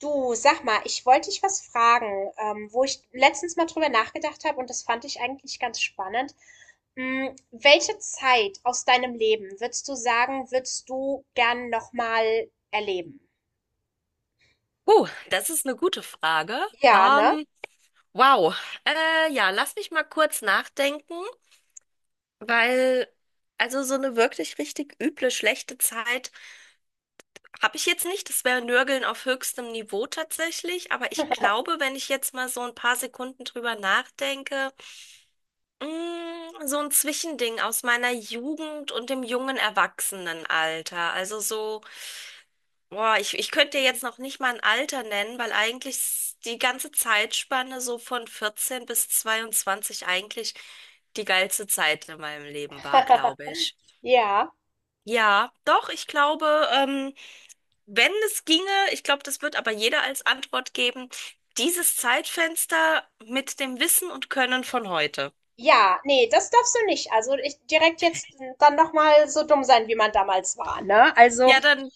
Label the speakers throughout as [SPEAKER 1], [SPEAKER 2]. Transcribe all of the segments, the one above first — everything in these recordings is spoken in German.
[SPEAKER 1] Du, sag mal, ich wollte dich was fragen, wo ich letztens mal drüber nachgedacht habe und das fand ich eigentlich ganz spannend. Welche Zeit aus deinem Leben würdest du sagen, würdest du gern nochmal erleben?
[SPEAKER 2] Das ist eine gute Frage.
[SPEAKER 1] Ja, ne?
[SPEAKER 2] Ähm, wow. Ja, lass mich mal kurz nachdenken, weil also so eine wirklich richtig üble, schlechte Zeit habe ich jetzt nicht. Das wäre Nörgeln auf höchstem Niveau tatsächlich. Aber ich glaube, wenn ich jetzt mal so ein paar Sekunden drüber nachdenke, so ein Zwischending aus meiner Jugend und dem jungen Erwachsenenalter. Also so. Boah, ich könnte dir jetzt noch nicht mal ein Alter nennen, weil eigentlich die ganze Zeitspanne so von 14 bis 22 eigentlich die geilste Zeit in meinem Leben war, glaube ich.
[SPEAKER 1] Ja.
[SPEAKER 2] Ja, doch, ich glaube, wenn es ginge, ich glaube, das wird aber jeder als Antwort geben, dieses Zeitfenster mit dem Wissen und Können von heute.
[SPEAKER 1] Ja, nee, das darfst du nicht. Also ich direkt jetzt dann nochmal so dumm sein, wie man damals war, ne? Also,
[SPEAKER 2] Ja, dann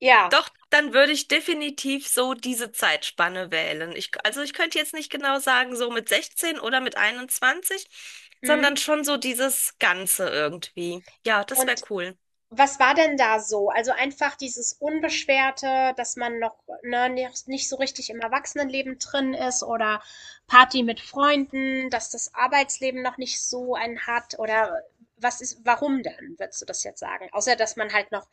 [SPEAKER 1] ja.
[SPEAKER 2] Doch, dann würde ich definitiv so diese Zeitspanne wählen. Ich, also ich könnte jetzt nicht genau sagen, so mit 16 oder mit 21, sondern
[SPEAKER 1] Mhm.
[SPEAKER 2] schon so dieses Ganze irgendwie. Ja, das wäre
[SPEAKER 1] Und
[SPEAKER 2] cool.
[SPEAKER 1] Was war denn da so? Also einfach dieses Unbeschwerte, dass man noch, ne, nicht so richtig im Erwachsenenleben drin ist oder Party mit Freunden, dass das Arbeitsleben noch nicht so einen hat oder was ist, warum denn, würdest du das jetzt sagen? Außer, dass man halt noch,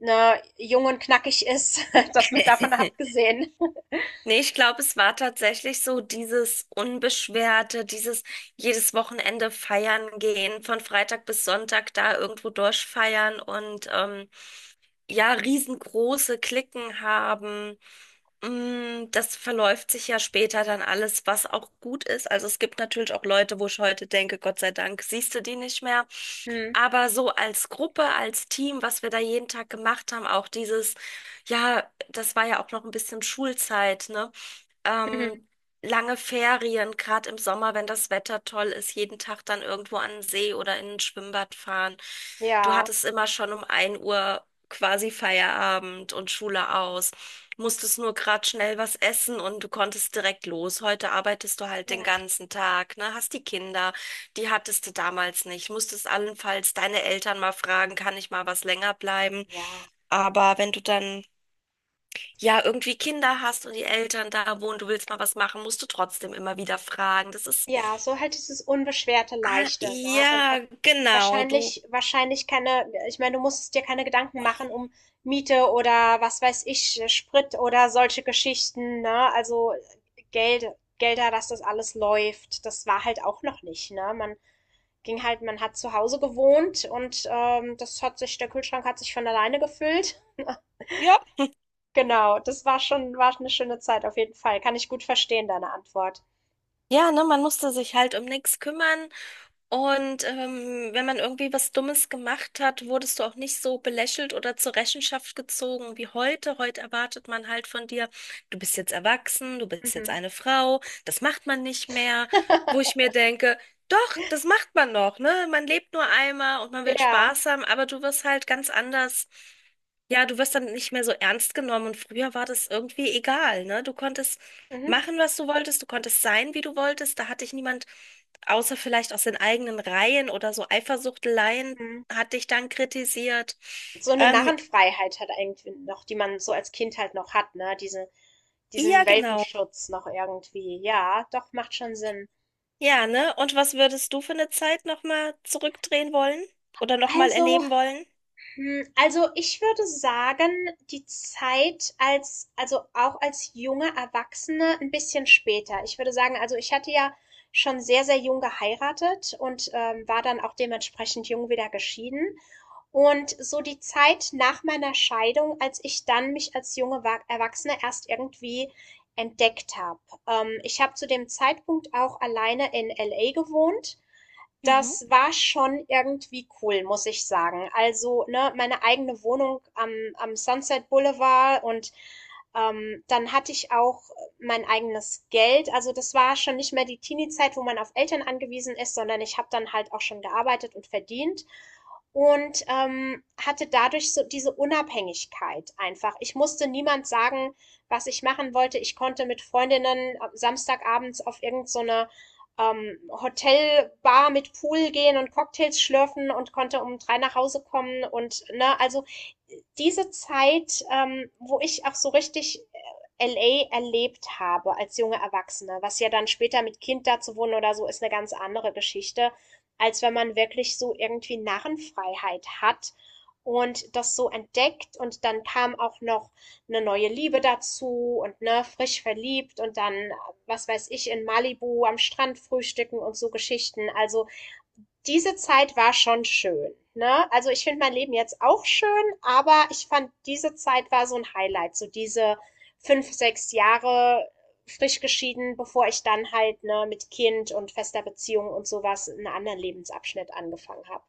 [SPEAKER 1] ne, jung und knackig ist, dass man davon abgesehen.
[SPEAKER 2] Nee, ich glaube, es war tatsächlich so dieses Unbeschwerte, dieses jedes Wochenende feiern gehen, von Freitag bis Sonntag da irgendwo durchfeiern und ja, riesengroße Cliquen haben. Das verläuft sich ja später dann alles, was auch gut ist. Also es gibt natürlich auch Leute, wo ich heute denke, Gott sei Dank, siehst du die nicht mehr.
[SPEAKER 1] Hm.
[SPEAKER 2] Aber so als Gruppe, als Team, was wir da jeden Tag gemacht haben, auch dieses, ja, das war ja auch noch ein bisschen Schulzeit, ne?
[SPEAKER 1] Mhm.
[SPEAKER 2] ähm, Lange Ferien, gerade im Sommer, wenn das Wetter toll ist, jeden Tag dann irgendwo an den See oder in ein Schwimmbad fahren. Du
[SPEAKER 1] Ja.
[SPEAKER 2] hattest immer schon um 1 Uhr quasi Feierabend und Schule aus, musstest nur gerade schnell was essen und du konntest direkt los. Heute arbeitest du halt den
[SPEAKER 1] Ja.
[SPEAKER 2] ganzen Tag, ne? Hast die Kinder, die hattest du damals nicht. Musstest allenfalls deine Eltern mal fragen, kann ich mal was länger bleiben?
[SPEAKER 1] Ja.
[SPEAKER 2] Aber wenn du dann ja irgendwie Kinder hast und die Eltern da wohnen, du willst mal was machen, musst du trotzdem immer wieder fragen. Das ist,
[SPEAKER 1] Ja, so halt dieses unbeschwerte,
[SPEAKER 2] ah,
[SPEAKER 1] leichte, ne?
[SPEAKER 2] ja,
[SPEAKER 1] Und auch
[SPEAKER 2] genau, du,
[SPEAKER 1] wahrscheinlich keine, ich meine, du musstest dir keine Gedanken machen um Miete oder was weiß ich, Sprit oder solche Geschichten, ne? Also Geld, Gelder, dass das alles läuft, das war halt auch noch nicht, ne? Man ging halt, man hat zu Hause gewohnt und das hat sich, der Kühlschrank hat sich von alleine gefüllt.
[SPEAKER 2] ja,
[SPEAKER 1] Genau, das war schon, war eine schöne Zeit auf jeden Fall. Kann ich gut verstehen, deine Antwort.
[SPEAKER 2] ja, ne, man musste sich halt um nichts kümmern. Und wenn man irgendwie was Dummes gemacht hat, wurdest du auch nicht so belächelt oder zur Rechenschaft gezogen wie heute. Heute erwartet man halt von dir, du bist jetzt erwachsen, du bist jetzt
[SPEAKER 1] Mhm.
[SPEAKER 2] eine Frau, das macht man nicht mehr. Wo ich mir denke, doch, das macht man noch, ne? Man lebt nur einmal und man will
[SPEAKER 1] Ja.
[SPEAKER 2] Spaß haben, aber du wirst halt ganz anders. Ja, du wirst dann nicht mehr so ernst genommen und früher war das irgendwie egal, ne? Du konntest
[SPEAKER 1] Mhm.
[SPEAKER 2] machen, was du wolltest, du konntest sein, wie du wolltest, da hat dich niemand außer vielleicht aus den eigenen Reihen oder so Eifersuchteleien
[SPEAKER 1] Mhm.
[SPEAKER 2] hat dich dann kritisiert.
[SPEAKER 1] So eine
[SPEAKER 2] Ähm,
[SPEAKER 1] Narrenfreiheit halt irgendwie noch, die man so als Kind halt noch hat, ne? Diese
[SPEAKER 2] ja,
[SPEAKER 1] diesen
[SPEAKER 2] genau.
[SPEAKER 1] Welpenschutz noch irgendwie. Ja, doch, macht schon Sinn.
[SPEAKER 2] Ja, ne? Und was würdest du für eine Zeit nochmal zurückdrehen wollen oder nochmal
[SPEAKER 1] Also
[SPEAKER 2] erleben wollen?
[SPEAKER 1] Ich würde sagen, die Zeit als also auch als junge Erwachsene ein bisschen später. Ich würde sagen, also, ich hatte ja schon sehr, sehr jung geheiratet und, war dann auch dementsprechend jung wieder geschieden. Und so die Zeit nach meiner Scheidung, als ich dann mich als junge Wa Erwachsene erst irgendwie entdeckt habe. Ich habe zu dem Zeitpunkt auch alleine in LA gewohnt,
[SPEAKER 2] Mhm.
[SPEAKER 1] das war schon irgendwie cool, muss ich sagen. Also, ne, meine eigene Wohnung am Sunset Boulevard, und dann hatte ich auch mein eigenes Geld. Also das war schon nicht mehr die Teenie-Zeit, wo man auf Eltern angewiesen ist, sondern ich habe dann halt auch schon gearbeitet und verdient und hatte dadurch so diese Unabhängigkeit einfach. Ich musste niemand sagen, was ich machen wollte. Ich konnte mit Freundinnen samstagabends auf irgendeine so eine Hotelbar mit Pool gehen und Cocktails schlürfen und konnte um 3 nach Hause kommen und ne, also diese Zeit, wo ich auch so richtig LA erlebt habe als junge Erwachsene, was ja dann später mit Kind da zu wohnen oder so, ist eine ganz andere Geschichte, als wenn man wirklich so irgendwie Narrenfreiheit hat und das so entdeckt und dann kam auch noch eine neue Liebe dazu und ne, frisch verliebt und dann was weiß ich, in Malibu am Strand frühstücken und so Geschichten. Also diese Zeit war schon schön. Ne? Also ich finde mein Leben jetzt auch schön, aber ich fand, diese Zeit war so ein Highlight. So diese 5, 6 Jahre frisch geschieden, bevor ich dann halt ne, mit Kind und fester Beziehung und sowas einen anderen Lebensabschnitt angefangen habe.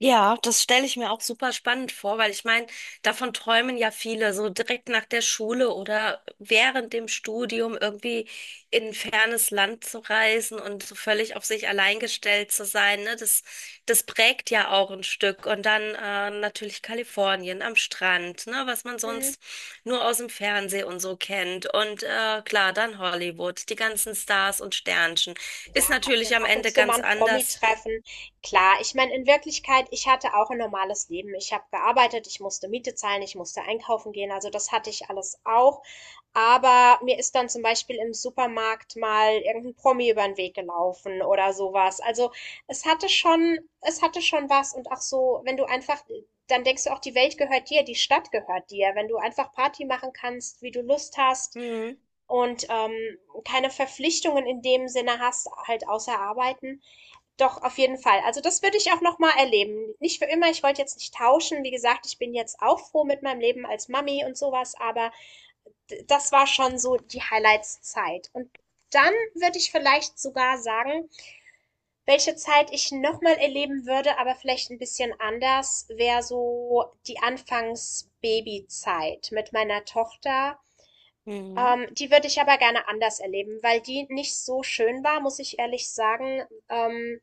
[SPEAKER 2] Ja, das stelle ich mir auch super spannend vor, weil ich meine, davon träumen ja viele, so direkt nach der Schule oder während dem Studium irgendwie in ein fernes Land zu reisen und so völlig auf sich allein gestellt zu sein, ne? Das prägt ja auch ein Stück. Und dann natürlich Kalifornien am Strand, ne? Was man
[SPEAKER 1] Mhm.
[SPEAKER 2] sonst nur aus dem Fernsehen und so kennt. Und klar, dann Hollywood, die ganzen Stars und Sternchen.
[SPEAKER 1] Ja,
[SPEAKER 2] Ist
[SPEAKER 1] dann
[SPEAKER 2] natürlich am
[SPEAKER 1] ab und
[SPEAKER 2] Ende
[SPEAKER 1] zu mal
[SPEAKER 2] ganz
[SPEAKER 1] ein Promi
[SPEAKER 2] anders.
[SPEAKER 1] treffen. Klar, ich meine, in Wirklichkeit, ich hatte auch ein normales Leben. Ich habe gearbeitet, ich musste Miete zahlen, ich musste einkaufen gehen, also das hatte ich alles auch. Aber mir ist dann zum Beispiel im Supermarkt mal irgendein Promi über den Weg gelaufen oder so was. Also, es hatte schon was und auch so, wenn du einfach dann denkst du auch, die Welt gehört dir, die Stadt gehört dir, wenn du einfach Party machen kannst, wie du Lust hast.
[SPEAKER 2] Mhm.
[SPEAKER 1] Und, keine Verpflichtungen in dem Sinne hast, halt außer Arbeiten. Doch, auf jeden Fall. Also das würde ich auch nochmal erleben. Nicht für immer, ich wollte jetzt nicht tauschen. Wie gesagt, ich bin jetzt auch froh mit meinem Leben als Mami und sowas, aber das war schon so die Highlights-Zeit. Und dann würde ich vielleicht sogar sagen, welche Zeit ich nochmal erleben würde, aber vielleicht ein bisschen anders, wäre so die Anfangs-Baby-Zeit mit meiner Tochter.
[SPEAKER 2] Mhm.
[SPEAKER 1] Die würde ich aber gerne anders erleben, weil die nicht so schön war, muss ich ehrlich sagen. Ähm,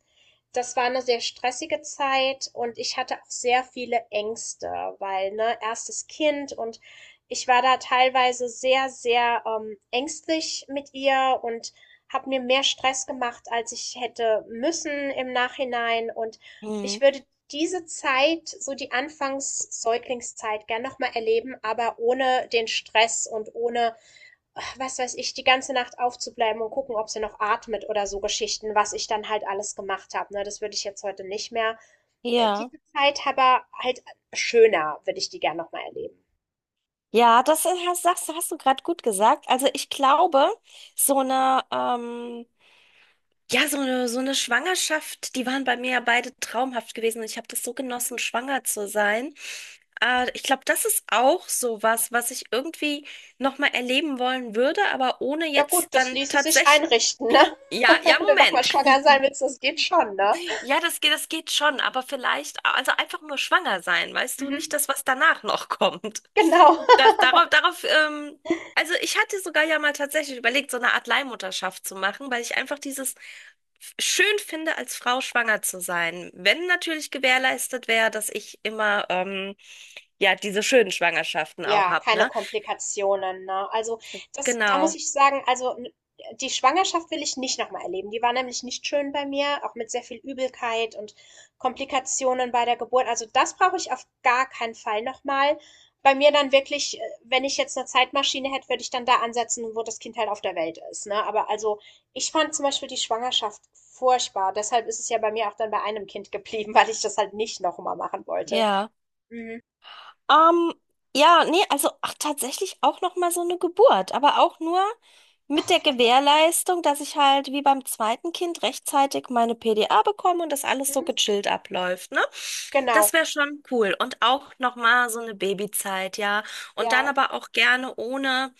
[SPEAKER 1] Das war eine sehr stressige Zeit und ich hatte auch sehr viele Ängste, weil, ne, erstes Kind, und ich war da teilweise sehr, sehr ängstlich mit ihr und habe mir mehr Stress gemacht, als ich hätte müssen im Nachhinein. Und ich
[SPEAKER 2] Mhm.
[SPEAKER 1] würde diese Zeit, so die Anfangs-Säuglingszeit, gern nochmal erleben, aber ohne den Stress und ohne was weiß ich, die ganze Nacht aufzubleiben und gucken, ob sie noch atmet oder so Geschichten, was ich dann halt alles gemacht habe. Ne? Das würde ich jetzt heute nicht mehr.
[SPEAKER 2] Ja,
[SPEAKER 1] Diese Zeit aber halt schöner, würde ich die gern nochmal erleben.
[SPEAKER 2] ja, das ist- hast, sagst, hast du gerade gut gesagt. Also ich glaube, so eine, ja, so eine Schwangerschaft, die waren bei mir ja beide traumhaft gewesen und ich habe das so
[SPEAKER 1] Mhm.
[SPEAKER 2] genossen, schwanger zu sein. Ich glaube, das ist auch so was, was ich irgendwie nochmal erleben wollen würde, aber ohne
[SPEAKER 1] Ja gut,
[SPEAKER 2] jetzt
[SPEAKER 1] das
[SPEAKER 2] dann
[SPEAKER 1] ließe sich
[SPEAKER 2] tatsächlich.
[SPEAKER 1] einrichten, ne?
[SPEAKER 2] Ja, ja,
[SPEAKER 1] Wenn du nochmal
[SPEAKER 2] Moment.
[SPEAKER 1] schwanger sein willst, das geht schon, ne?
[SPEAKER 2] Ja, das geht schon, aber vielleicht, also einfach nur schwanger sein, weißt du, nicht
[SPEAKER 1] Mhm.
[SPEAKER 2] das, was danach noch kommt.
[SPEAKER 1] Genau.
[SPEAKER 2] Darauf, also ich hatte sogar ja mal tatsächlich überlegt, so eine Art Leihmutterschaft zu machen, weil ich einfach dieses schön finde, als Frau schwanger zu sein. Wenn natürlich gewährleistet wäre, dass ich immer, ja, diese schönen Schwangerschaften auch
[SPEAKER 1] Ja,
[SPEAKER 2] hab,
[SPEAKER 1] keine
[SPEAKER 2] ne?
[SPEAKER 1] Komplikationen, ne? Also das, da muss
[SPEAKER 2] Genau.
[SPEAKER 1] ich sagen, also die Schwangerschaft will ich nicht nochmal erleben. Die war nämlich nicht schön bei mir, auch mit sehr viel Übelkeit und Komplikationen bei der Geburt. Also das brauche ich auf gar keinen Fall nochmal. Bei mir dann wirklich, wenn ich jetzt eine Zeitmaschine hätte, würde ich dann da ansetzen, wo das Kind halt auf der Welt ist, ne? Aber also ich fand zum Beispiel die Schwangerschaft furchtbar. Deshalb ist es ja bei mir auch dann bei einem Kind geblieben, weil ich das halt nicht nochmal machen wollte.
[SPEAKER 2] Ja.
[SPEAKER 1] Mhm.
[SPEAKER 2] Ähm, ja, nee, also ach, tatsächlich auch noch mal so eine Geburt, aber auch nur mit der Gewährleistung, dass ich halt wie beim zweiten Kind rechtzeitig meine PDA bekomme und das alles so
[SPEAKER 1] Mhm.
[SPEAKER 2] gechillt abläuft, ne?
[SPEAKER 1] Genau.
[SPEAKER 2] Das wäre schon cool und auch noch mal so eine Babyzeit, ja. Und dann
[SPEAKER 1] Ja.
[SPEAKER 2] aber auch gerne ohne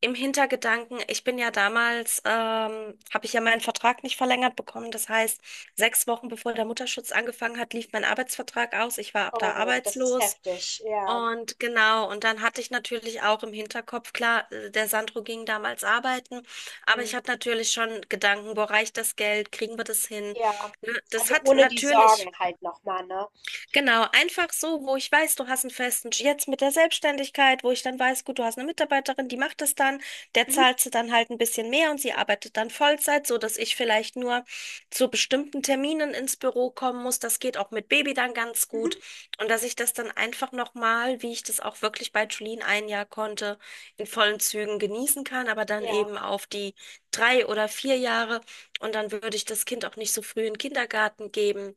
[SPEAKER 2] im Hintergedanken, ich bin ja damals, habe ich ja meinen Vertrag nicht verlängert bekommen. Das heißt, 6 Wochen bevor der Mutterschutz angefangen hat, lief mein Arbeitsvertrag aus. Ich war ab da
[SPEAKER 1] Oh, das ist
[SPEAKER 2] arbeitslos.
[SPEAKER 1] heftig, ja.
[SPEAKER 2] Und genau, und dann hatte ich natürlich auch im Hinterkopf, klar, der Sandro ging damals arbeiten, aber ich
[SPEAKER 1] Mhm.
[SPEAKER 2] hatte natürlich schon Gedanken, wo reicht das Geld, kriegen wir das hin?
[SPEAKER 1] Ja.
[SPEAKER 2] Ne, Das
[SPEAKER 1] Also
[SPEAKER 2] hat
[SPEAKER 1] ohne die
[SPEAKER 2] natürlich
[SPEAKER 1] Sorgen halt nochmal, ne?
[SPEAKER 2] Genau, einfach so, wo ich weiß, du hast einen festen, jetzt mit der Selbstständigkeit, wo ich dann weiß, gut, du hast eine Mitarbeiterin, die macht das dann, der
[SPEAKER 1] Mhm.
[SPEAKER 2] zahlt sie dann halt ein bisschen mehr und sie arbeitet dann Vollzeit, so dass ich vielleicht nur zu bestimmten Terminen ins Büro kommen muss. Das geht auch mit Baby dann ganz gut
[SPEAKER 1] Mhm.
[SPEAKER 2] und dass ich das dann einfach nochmal, wie ich das auch wirklich bei Julien ein Jahr konnte, in vollen Zügen genießen kann, aber dann
[SPEAKER 1] Ja.
[SPEAKER 2] eben auf die 3 oder 4 Jahre und dann würde ich das Kind auch nicht so früh in den Kindergarten geben,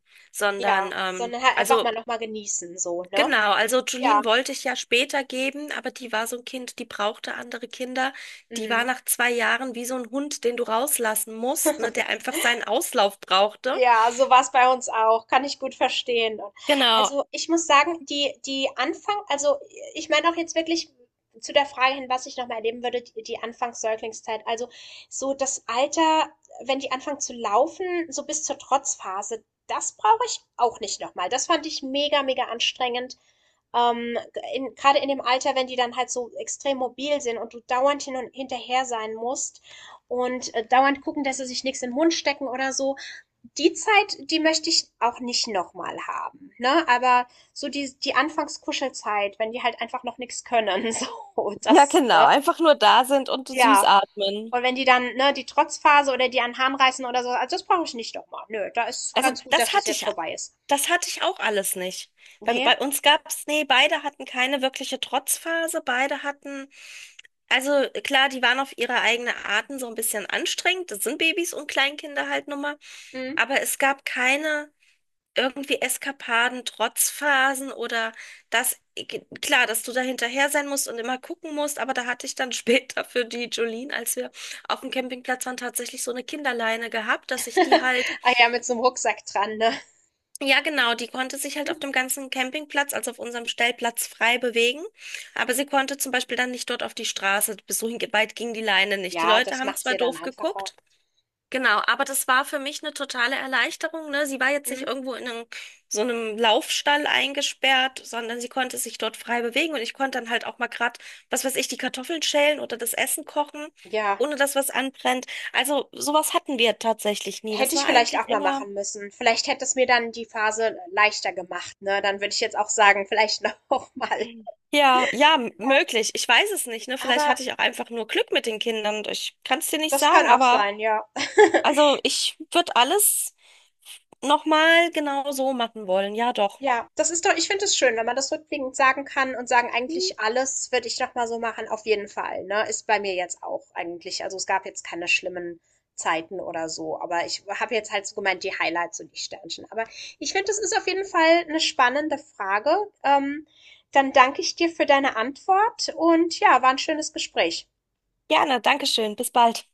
[SPEAKER 1] Ja.
[SPEAKER 2] sondern
[SPEAKER 1] Sondern halt einfach
[SPEAKER 2] also
[SPEAKER 1] mal nochmal genießen, so, ne?
[SPEAKER 2] genau, also
[SPEAKER 1] Ja.
[SPEAKER 2] Julien wollte ich ja später geben, aber die war so ein Kind, die brauchte andere Kinder. Die war
[SPEAKER 1] Mhm.
[SPEAKER 2] nach 2 Jahren wie so ein Hund, den du rauslassen musst, ne, der einfach seinen Auslauf brauchte.
[SPEAKER 1] Ja, so war's bei uns auch. Kann ich gut verstehen.
[SPEAKER 2] Genau.
[SPEAKER 1] Also ich muss sagen, also ich meine auch jetzt wirklich zu der Frage hin, was ich nochmal erleben würde, die Anfangs-Säuglingszeit. Also so das Alter, wenn die anfangen zu laufen, so bis zur Trotzphase, das brauche ich auch nicht nochmal. Das fand ich mega, mega anstrengend. Ähm, Gerade in dem Alter, wenn die dann halt so extrem mobil sind und du dauernd hin und hinterher sein musst und dauernd gucken, dass sie sich nichts in den Mund stecken oder so. Die Zeit, die möchte ich auch nicht nochmal haben, ne? Aber so die Anfangskuschelzeit, wenn die halt einfach noch nichts können, so,
[SPEAKER 2] Ja,
[SPEAKER 1] das,
[SPEAKER 2] genau.
[SPEAKER 1] ne?
[SPEAKER 2] Einfach nur da sind und süß
[SPEAKER 1] Ja.
[SPEAKER 2] atmen.
[SPEAKER 1] Und wenn die dann, ne, die Trotzphase oder die an den Haaren reißen oder so, also das brauche ich nicht nochmal. Nö, da ist
[SPEAKER 2] Also
[SPEAKER 1] ganz gut, dass
[SPEAKER 2] das
[SPEAKER 1] das
[SPEAKER 2] hatte
[SPEAKER 1] jetzt
[SPEAKER 2] ich,
[SPEAKER 1] vorbei ist.
[SPEAKER 2] das hatte ich auch alles nicht. Bei
[SPEAKER 1] Ne?
[SPEAKER 2] uns gab es, nee, beide hatten keine wirkliche Trotzphase, beide hatten, also klar, die waren auf ihre eigene Arten so ein bisschen anstrengend, das sind Babys und Kleinkinder halt nun mal,
[SPEAKER 1] Mhm.
[SPEAKER 2] aber es gab keine irgendwie Eskapaden, Trotzphasen oder das, klar, dass du da hinterher sein musst und immer gucken musst, aber da hatte ich dann später für die Jolene, als wir auf dem Campingplatz waren, tatsächlich so eine Kinderleine gehabt, dass ich die halt
[SPEAKER 1] Ah ja, mit so einem Rucksack dran, ne?
[SPEAKER 2] ja, genau. Die konnte sich halt auf dem ganzen Campingplatz, also auf unserem Stellplatz, frei bewegen. Aber sie konnte zum Beispiel dann nicht dort auf die Straße. Bis so weit ging die Leine nicht. Die
[SPEAKER 1] Ja,
[SPEAKER 2] Leute
[SPEAKER 1] das
[SPEAKER 2] haben
[SPEAKER 1] macht's
[SPEAKER 2] zwar
[SPEAKER 1] ja dann
[SPEAKER 2] doof
[SPEAKER 1] einfacher.
[SPEAKER 2] geguckt, genau, aber das war für mich eine totale Erleichterung, ne? Sie war jetzt nicht
[SPEAKER 1] Mhm.
[SPEAKER 2] irgendwo in einem, so einem Laufstall eingesperrt, sondern sie konnte sich dort frei bewegen und ich konnte dann halt auch mal grad, was weiß ich, die Kartoffeln schälen oder das Essen kochen,
[SPEAKER 1] Ja,
[SPEAKER 2] ohne dass was anbrennt. Also sowas hatten wir tatsächlich nie. Das
[SPEAKER 1] hätte ich
[SPEAKER 2] war
[SPEAKER 1] vielleicht
[SPEAKER 2] eigentlich
[SPEAKER 1] auch mal
[SPEAKER 2] immer.
[SPEAKER 1] machen müssen. Vielleicht hätte es mir dann die Phase leichter gemacht, ne? Dann würde ich jetzt auch sagen: „Vielleicht noch mal."
[SPEAKER 2] Ja, ja,
[SPEAKER 1] Ja,
[SPEAKER 2] möglich. Ich weiß es nicht, ne? Vielleicht
[SPEAKER 1] aber
[SPEAKER 2] hatte ich auch einfach nur Glück mit den Kindern. Ich kann es dir nicht
[SPEAKER 1] das kann
[SPEAKER 2] sagen,
[SPEAKER 1] auch
[SPEAKER 2] aber
[SPEAKER 1] sein, ja.
[SPEAKER 2] also ich würde alles nochmal genau so machen wollen. Ja, doch.
[SPEAKER 1] Ja, das ist doch, ich finde es schön, wenn man das rückblickend sagen kann und sagen,
[SPEAKER 2] Hm,
[SPEAKER 1] eigentlich alles würde ich noch mal so machen, auf jeden Fall, ne? Ist bei mir jetzt auch eigentlich. Also es gab jetzt keine schlimmen Zeiten oder so, aber ich habe jetzt halt so gemeint, die Highlights und die Sternchen. Aber ich finde, das ist auf jeden Fall eine spannende Frage. Ähm, Dann danke ich dir für deine Antwort und ja, war ein schönes Gespräch.
[SPEAKER 2] Gerne, Dankeschön. Bis bald.